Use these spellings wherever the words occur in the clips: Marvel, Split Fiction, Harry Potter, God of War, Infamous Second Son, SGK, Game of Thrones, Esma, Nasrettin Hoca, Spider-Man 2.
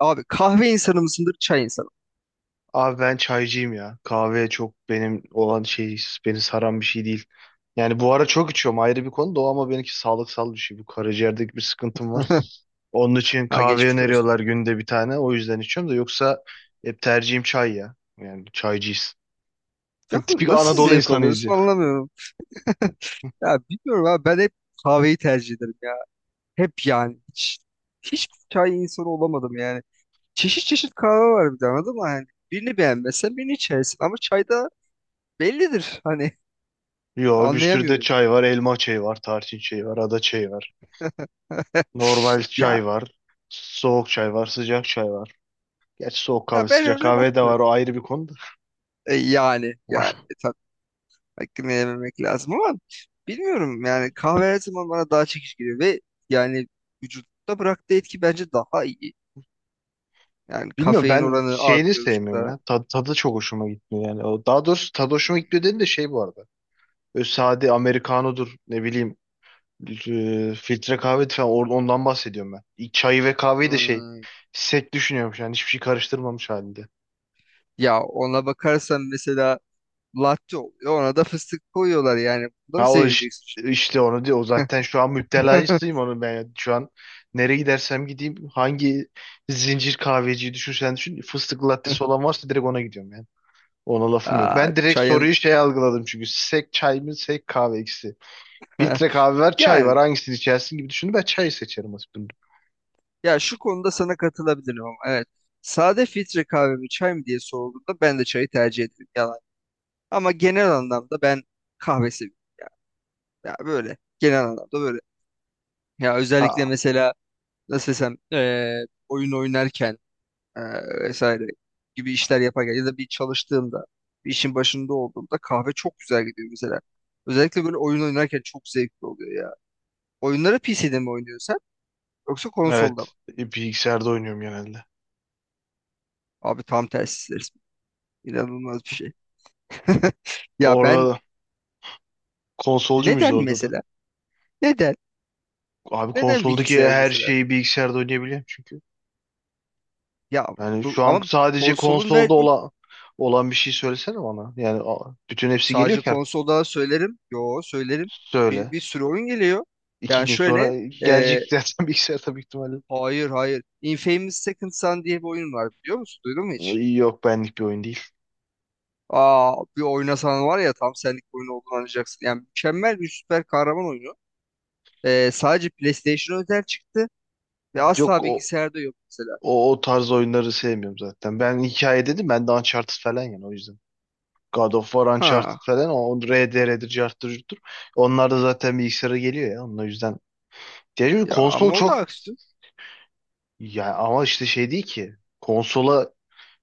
Abi kahve insanı mısındır, çay insanı? Abi ben çaycıyım ya. Kahve çok benim olan beni saran bir şey değil. Yani bu ara çok içiyorum ayrı bir konu da o, ama benimki sağlıksal bir şey. Bu karaciğerdeki bir sıkıntım var. Onun için Ha kahve geçmiş olsun. öneriyorlar günde bir tane. O yüzden içiyorum da, yoksa hep tercihim çay ya. Yani çaycıyız. Ya Tipik nasıl Anadolu zevk insanıyız ya. alıyorsun anlamıyorum. Ya bilmiyorum abi ben hep kahveyi tercih ederim ya. Hep yani. Hiçbir çay insanı olamadım yani. Çeşit çeşit kahve var bir de anladın mı? Yani birini beğenmezsen birini içersin ama çayda bellidir. Hani Yo, bir sürü de anlayamıyorum. çay var. Elma çayı var, tarçın çayı var, ada çayı var. Normal Ya, çay var. Soğuk çay var, sıcak çay var. Gerçi soğuk kahve, ya, ben sıcak öyle kahve de var, bakmıyorum. o ayrı bir konu da. E, yani yani e, tabii. Beklememek lazım ama bilmiyorum yani kahve her zaman bana daha çekici geliyor ve yani vücutta bıraktığı etki bence daha iyi. Yani Bilmiyorum, kafein ben oranı şeyini artıyor sevmiyorum vücutta. ya. Tadı çok hoşuma gitmiyor yani. Daha doğrusu tadı hoşuma gitmiyor dedim de şey bu arada. Böyle sade Amerikanodur, ne bileyim filtre kahve falan ondan bahsediyorum ben. Çayı ve kahveyi de şey Hmm. sek düşünüyormuş, yani hiçbir şey karıştırmamış halinde. Ya ona bakarsan mesela latte oluyor ona da fıstık koyuyorlar yani. Bunu da mı Ha o iş- sevmeyeceksin? işte, onu diyor. O zaten şu an müptelasıyım onu ben. Yani. Şu an nereye gidersem gideyim, hangi zincir kahveciyi düşünsen düşün, fıstıklı lattesi olan varsa direkt ona gidiyorum yani. Ona lafım yok. Aa, Ben direkt çayın. soruyu şey algıladım, çünkü sek çay mı sek kahve ikisi. Filtre kahve var, çay var, Yani, hangisini içersin gibi düşündüm. Ben çayı seçerim aslında. ya şu konuda sana katılabilirim ama evet. Sade filtre kahve mi çay mı diye sorulduğunda ben de çayı tercih ederim, yalan. Ama genel anlamda ben kahve seviyorum. Ya böyle genel anlamda böyle. Ya özellikle Ha, mesela, nasıl desem, oyun oynarken, eee, vesaire gibi işler yaparken ya da bir çalıştığımda, bir işin başında olduğumda kahve çok güzel gidiyor mesela. Özellikle böyle oyun oynarken çok zevkli oluyor ya. Oyunları PC'de mi oynuyorsun sen, yoksa konsolda mı? evet. Bilgisayarda oynuyorum genelde. Abi tam tersi resmen. İnanılmaz bir şey. Ya Orada ben, da konsolcu muyuz neden orada da? mesela? Neden? Abi Neden konsoldaki bilgisayar her mesela? şeyi bilgisayarda oynayabiliyorum çünkü. Ya Yani bu şu an ama, sadece konsolun konsolda verdiği. olan bir şey söylesene bana. Yani bütün hepsi geliyor Sadece ki artık. konsolda söylerim. Yo, söylerim. Bir, Söyle. bir sürü oyun geliyor. İki Yani gün şöyle sonra gelecek e, zaten bilgisayar tabii ihtimalle. hayır, hayır. Infamous Second Son diye bir oyun var, biliyor musun? Duydun mu hiç? Yok, benlik bir oyun değil. Aa, bir oynasan var ya, tam senlik bir oyun olduğunu anlayacaksın. Yani mükemmel bir süper kahraman oyunu. Sadece PlayStation özel çıktı ve Yok asla o bilgisayarda yok mesela. o, o tarz oyunları sevmiyorum zaten. Ben hikaye dedim ben de, Uncharted falan, yani o yüzden. God of War, Uncharted Ha, falan, o RDR'dir, Charter'dır. Onlar da zaten bilgisayara geliyor ya. Onun o yüzden. Yani ya konsol ama o da çok, aksiyon. ya ama işte şey değil ki. Konsola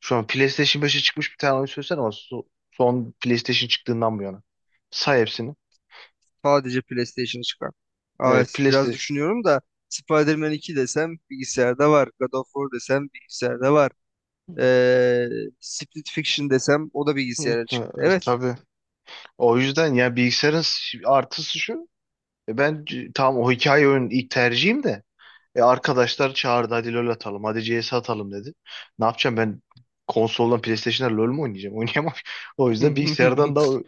şu an PlayStation 5'e çıkmış bir tane oyun söylesene ama son PlayStation çıktığından bu yana. Say hepsini. Sadece PlayStation çıkar. Evet, Evet, biraz PlayStation. düşünüyorum da, Spider-Man 2 desem bilgisayarda var. God of War desem bilgisayarda var. Ee, Split Fiction desem o da bilgisayara çıktı. Evet. Tabii. O yüzden ya bilgisayarın artısı şu. Ben tamam o hikaye oyunun ilk tercihim de. E, arkadaşlar çağırdı, hadi LoL atalım. Hadi CS atalım dedi. Ne yapacağım ben, konsoldan PlayStation'da LoL mu oynayacağım? Oynayamam. O yüzden bilgisayardan da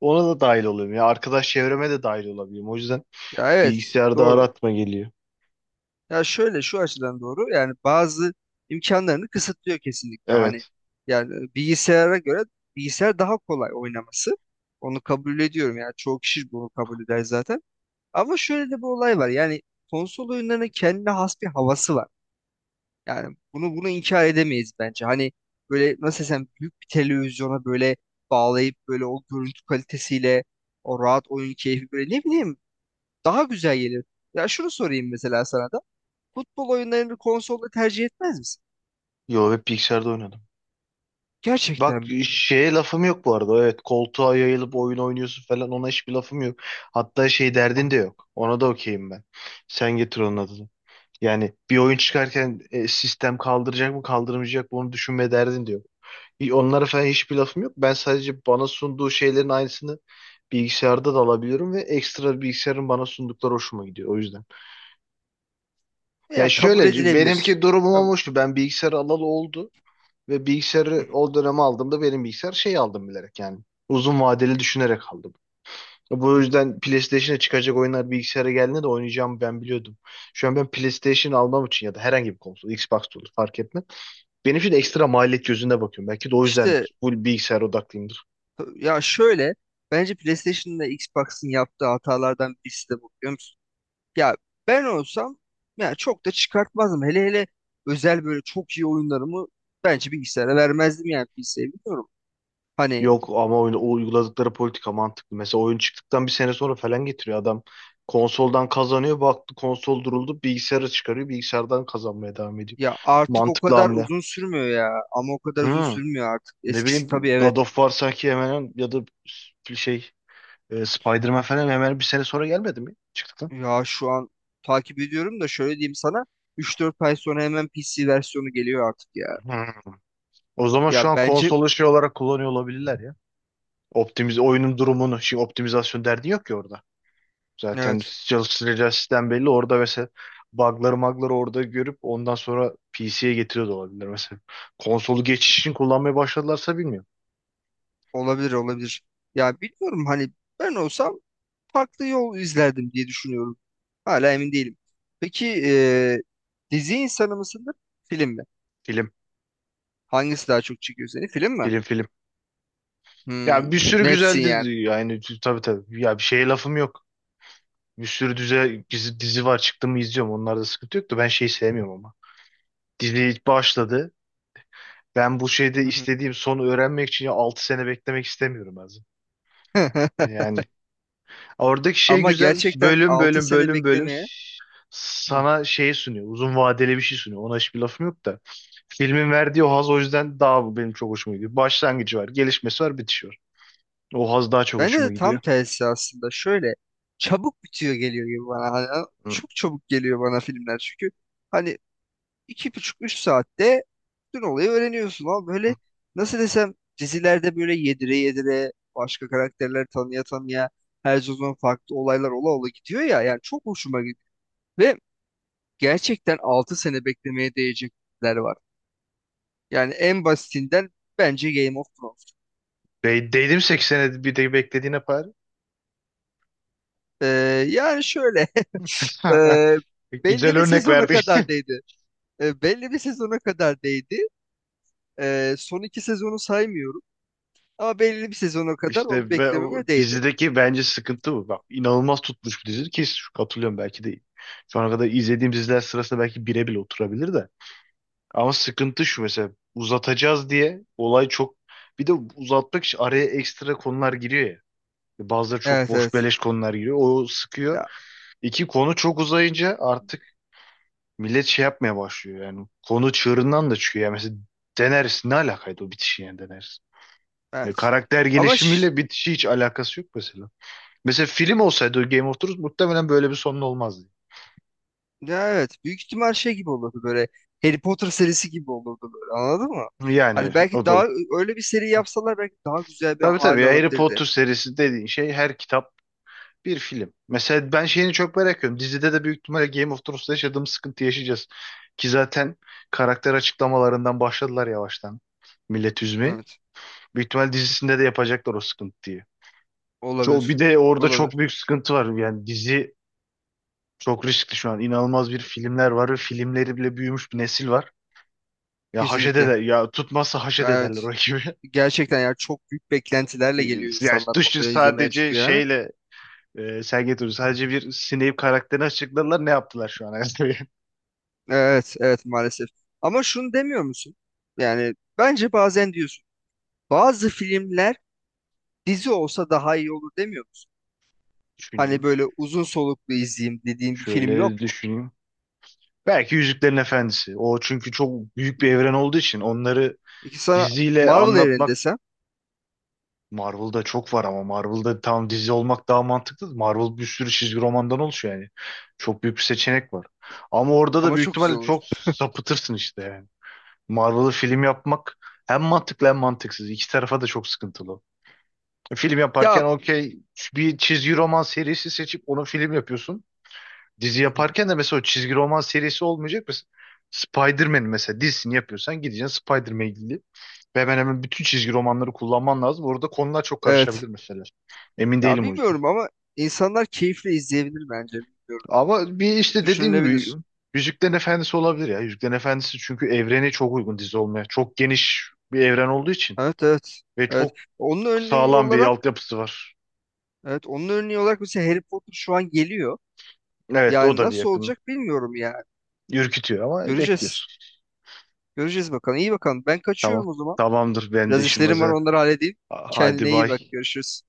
ona da dahil oluyorum. Ya arkadaş çevreme de dahil olabiliyorum. O yüzden Ya evet, bilgisayarda doğru. aratma geliyor. Ya şöyle, şu açıdan doğru yani, bazı imkanlarını kısıtlıyor kesinlikle. Hani, Evet. yani bilgisayara göre bilgisayar daha kolay oynaması. Onu kabul ediyorum, yani çoğu kişi bunu kabul eder zaten. Ama şöyle de bir olay var yani, konsol oyunlarının kendine has bir havası var. Yani bunu inkar edemeyiz bence. Hani böyle, nasıl desem, büyük bir televizyona böyle bağlayıp, böyle o görüntü kalitesiyle, o rahat oyun keyfi, böyle ne bileyim, daha güzel gelir. Ya şunu sorayım mesela sana da. Futbol oyunlarını konsolda tercih etmez misin? Yo, hep bilgisayarda oynadım. Bak Gerçekten mi? şeye lafım yok bu arada. Evet, koltuğa yayılıp oyun oynuyorsun falan, ona hiçbir lafım yok. Hatta şey derdin de Ah. yok. Ona da okeyim ben. Sen getir onun adını. Yani bir oyun çıkarken sistem kaldıracak mı kaldırmayacak mı onu düşünme derdin diyor. Onlara falan hiçbir lafım yok. Ben sadece bana sunduğu şeylerin aynısını bilgisayarda da alabiliyorum ve ekstra bilgisayarın bana sundukları hoşuma gidiyor o yüzden. Yani Ya, kabul şöyle edilebilir. benimki durumum ama Kabul. hoştu. Ben bilgisayarı alalı oldu ve Hı bilgisayarı hı, o döneme aldığımda benim bilgisayar şey aldım bilerek yani. Uzun vadeli düşünerek aldım. Bu hı hı. yüzden PlayStation'a çıkacak oyunlar bilgisayara geldiğinde de oynayacağımı ben biliyordum. Şu an ben PlayStation almam için ya da herhangi bir konsol, Xbox da olur fark etmez. Benim için de ekstra maliyet gözünde bakıyorum. Belki de o yüzden İşte, full bilgisayar odaklıyımdır. ya şöyle, bence PlayStation'la Xbox'ın yaptığı hatalardan birisi de bu, biliyor musun? Ya, ben olsam ya çok da çıkartmazdım. Hele hele özel böyle çok iyi oyunlarımı bence bilgisayara vermezdim, yani bilgisayarı bilmiyorum. Hani Yok ama oyun, o uyguladıkları politika mantıklı. Mesela oyun çıktıktan bir sene sonra falan getiriyor adam. Konsoldan kazanıyor. Baktı konsol duruldu. Bilgisayara çıkarıyor. Bilgisayardan kazanmaya devam ediyor. ya, artık o Mantıklı kadar hamle. uzun sürmüyor ya, ama o kadar uzun Hmm. sürmüyor artık. Ne Eskisi tabii, bileyim, evet. God of War sanki hemen hemen ya da şey, Spider-Man falan hemen bir sene sonra gelmedi mi çıktıktan? Ya şu an takip ediyorum da, şöyle diyeyim sana, 3-4 ay sonra hemen PC versiyonu geliyor artık ya. Hmm. O zaman Ya şu an bence konsolu şey olarak kullanıyor olabilirler ya. Optimiz oyunun durumunu, şimdi optimizasyon derdi yok ki orada. Zaten evet, çalıştıracağı sistem belli. Orada mesela bug'ları magları orada görüp ondan sonra PC'ye getiriyor da olabilir mesela. Konsolu geçiş için kullanmaya başladılarsa bilmiyorum. olabilir olabilir. Ya bilmiyorum, hani ben olsam farklı yol izlerdim diye düşünüyorum. Hala emin değilim. Peki, dizi insanı mısındır, film mi? Film, Hangisi daha çok çekiyor seni? Film mi? film, film. Hmm, Ya bir sürü netsin güzel yani. dizi yani, tabii tabii. Ya bir şeye lafım yok. Bir sürü dizi var, çıktı mı izliyorum. Onlarda sıkıntı yok da, ben şeyi sevmiyorum ama. Dizi başladı. Ben bu şeyde Hı hı. istediğim sonu öğrenmek için ya 6 sene beklemek istemiyorum azim. Yani oradaki şey Ama güzel. gerçekten Bölüm 6 bölüm sene bölüm bölüm beklemeye. Hı. sana şey sunuyor. Uzun vadeli bir şey sunuyor. Ona hiçbir lafım yok da. Filmin verdiği o haz o yüzden daha bu benim çok hoşuma gidiyor. Başlangıcı var, gelişmesi var, bitişi var. O haz daha çok Bende de hoşuma tam gidiyor. tersi aslında. Şöyle, çabuk bitiyor, geliyor gibi bana. Hani, Hı. çok çabuk geliyor bana filmler. Çünkü hani, 2,5-3 saatte bütün olayı öğreniyorsun, ama Hı. böyle, nasıl desem, dizilerde böyle yedire yedire, başka karakterler tanıya tanıya, her sezon farklı olaylar ola ola gidiyor ya, yani çok hoşuma gidiyor ve gerçekten 6 sene beklemeye değecekler var. Yani en basitinden, bence Game of Thrones. Değdim, 8 sene bir de beklediğine par. Ee, yani şöyle, e, belli Güzel bir örnek sezona verdi. kadar değdi. Belli bir sezona kadar değdi. Son iki sezonu saymıyorum, ama belli bir sezona kadar onu İşte ve o beklememe değdi. dizideki bence sıkıntı bu. Bak inanılmaz tutmuş bir dizi ki, katılıyorum, belki de şu ana kadar izlediğim diziler sırasında belki bire bile oturabilir de. Ama sıkıntı şu, mesela uzatacağız diye olay çok, bir de uzatmak için araya ekstra konular giriyor ya. Bazıları çok Evet, boş evet. beleş konular giriyor. O sıkıyor. Ya, İki konu çok uzayınca artık millet şey yapmaya başlıyor yani. Konu çığırından da çıkıyor. Yani mesela Daenerys ne alakaydı o bitişi yani Daenerys? Ya evet. karakter Ama ş- gelişimiyle bitişi hiç alakası yok mesela. Mesela film olsaydı Game of Thrones muhtemelen böyle bir sonun olmazdı. Ya evet, büyük ihtimal şey gibi olurdu, böyle Harry Potter serisi gibi olurdu böyle, anladın mı? Yani Hani belki o da, daha, öyle bir seri yapsalar, belki daha güzel bir tabii tabii hal ya, Harry alabilirdi. Potter serisi dediğin şey her kitap bir film. Mesela ben şeyini çok merak ediyorum. Dizide de büyük ihtimalle Game of Thrones'ta yaşadığımız sıkıntı yaşayacağız. Ki zaten karakter açıklamalarından başladılar yavaştan, millet üzmeye. Evet. Büyük ihtimal dizisinde de yapacaklar o sıkıntıyı. Çok, bir Olabilir. de orada çok Olabilir. büyük sıkıntı var. Yani dizi çok riskli şu an. İnanılmaz bir filmler var ve filmleri bile büyümüş bir nesil var. Ya haşede Kesinlikle. de, ya tutmazsa haşet Ya, ederler evet. o ekibi. Gerçekten ya, çok büyük Ee, beklentilerle geliyor Yani insanlar, düşün onu izlemeye sadece çıkıyor yani. şeyle Sergey Dostoyevski sadece bir Snape karakterini açıkladılar. Ne yaptılar şu an? Evet, evet, maalesef. Ama şunu demiyor musun? Yani bence bazen diyorsun. Bazı filmler dizi olsa daha iyi olur, demiyor musun? Düşüneyim. Hani böyle uzun soluklu izleyeyim dediğin bir film yok Şöyle mu? düşüneyim. Belki Yüzüklerin Efendisi. O çünkü çok büyük bir evren olduğu için onları Peki sana diziyle Marvel evreni anlatmak. desem, Marvel'da çok var ama Marvel'da tam dizi olmak daha mantıklı. Marvel bir sürü çizgi romandan oluşuyor yani. Çok büyük bir seçenek var. Ama orada da ama büyük çok güzel ihtimalle olur. çok sapıtırsın işte yani. Marvel'ı film yapmak hem mantıklı hem mantıksız. İki tarafa da çok sıkıntılı. Film Ya, yaparken okey, bir çizgi roman serisi seçip onu film yapıyorsun. Dizi hı hı. yaparken de mesela o çizgi roman serisi olmayacak. Mesela Spider-Man mesela dizisini yapıyorsan gideceksin Spider-Man'le ilgili. Ve hemen hemen bütün çizgi romanları kullanman lazım. Orada konular çok Evet. karışabilir mesela. Emin Ya değilim o yüzden. bilmiyorum ama, insanlar keyifle izleyebilir bence. Bilmiyorum. Ama bir işte dediğim gibi Düşünülebilir. Yüzüklerin Efendisi olabilir ya. Yüzüklerin Efendisi, çünkü evrene çok uygun dizi olmaya. Çok geniş bir evren olduğu için. Evet, evet. Ve Evet. çok Onun örneği sağlam bir olarak altyapısı var. evet onun örneği olarak mesela Harry Potter şu an geliyor. Evet, o Yani da bir nasıl yakın. olacak bilmiyorum yani. Ürkütüyor ama Göreceğiz. bekliyorsun. Göreceğiz bakalım. İyi bakalım. Ben Tamam. kaçıyorum o zaman. Tamamdır. Ben de Biraz işim işlerim var, hazır. onları halledeyim. Hadi Kendine iyi bak. bay. Görüşürüz.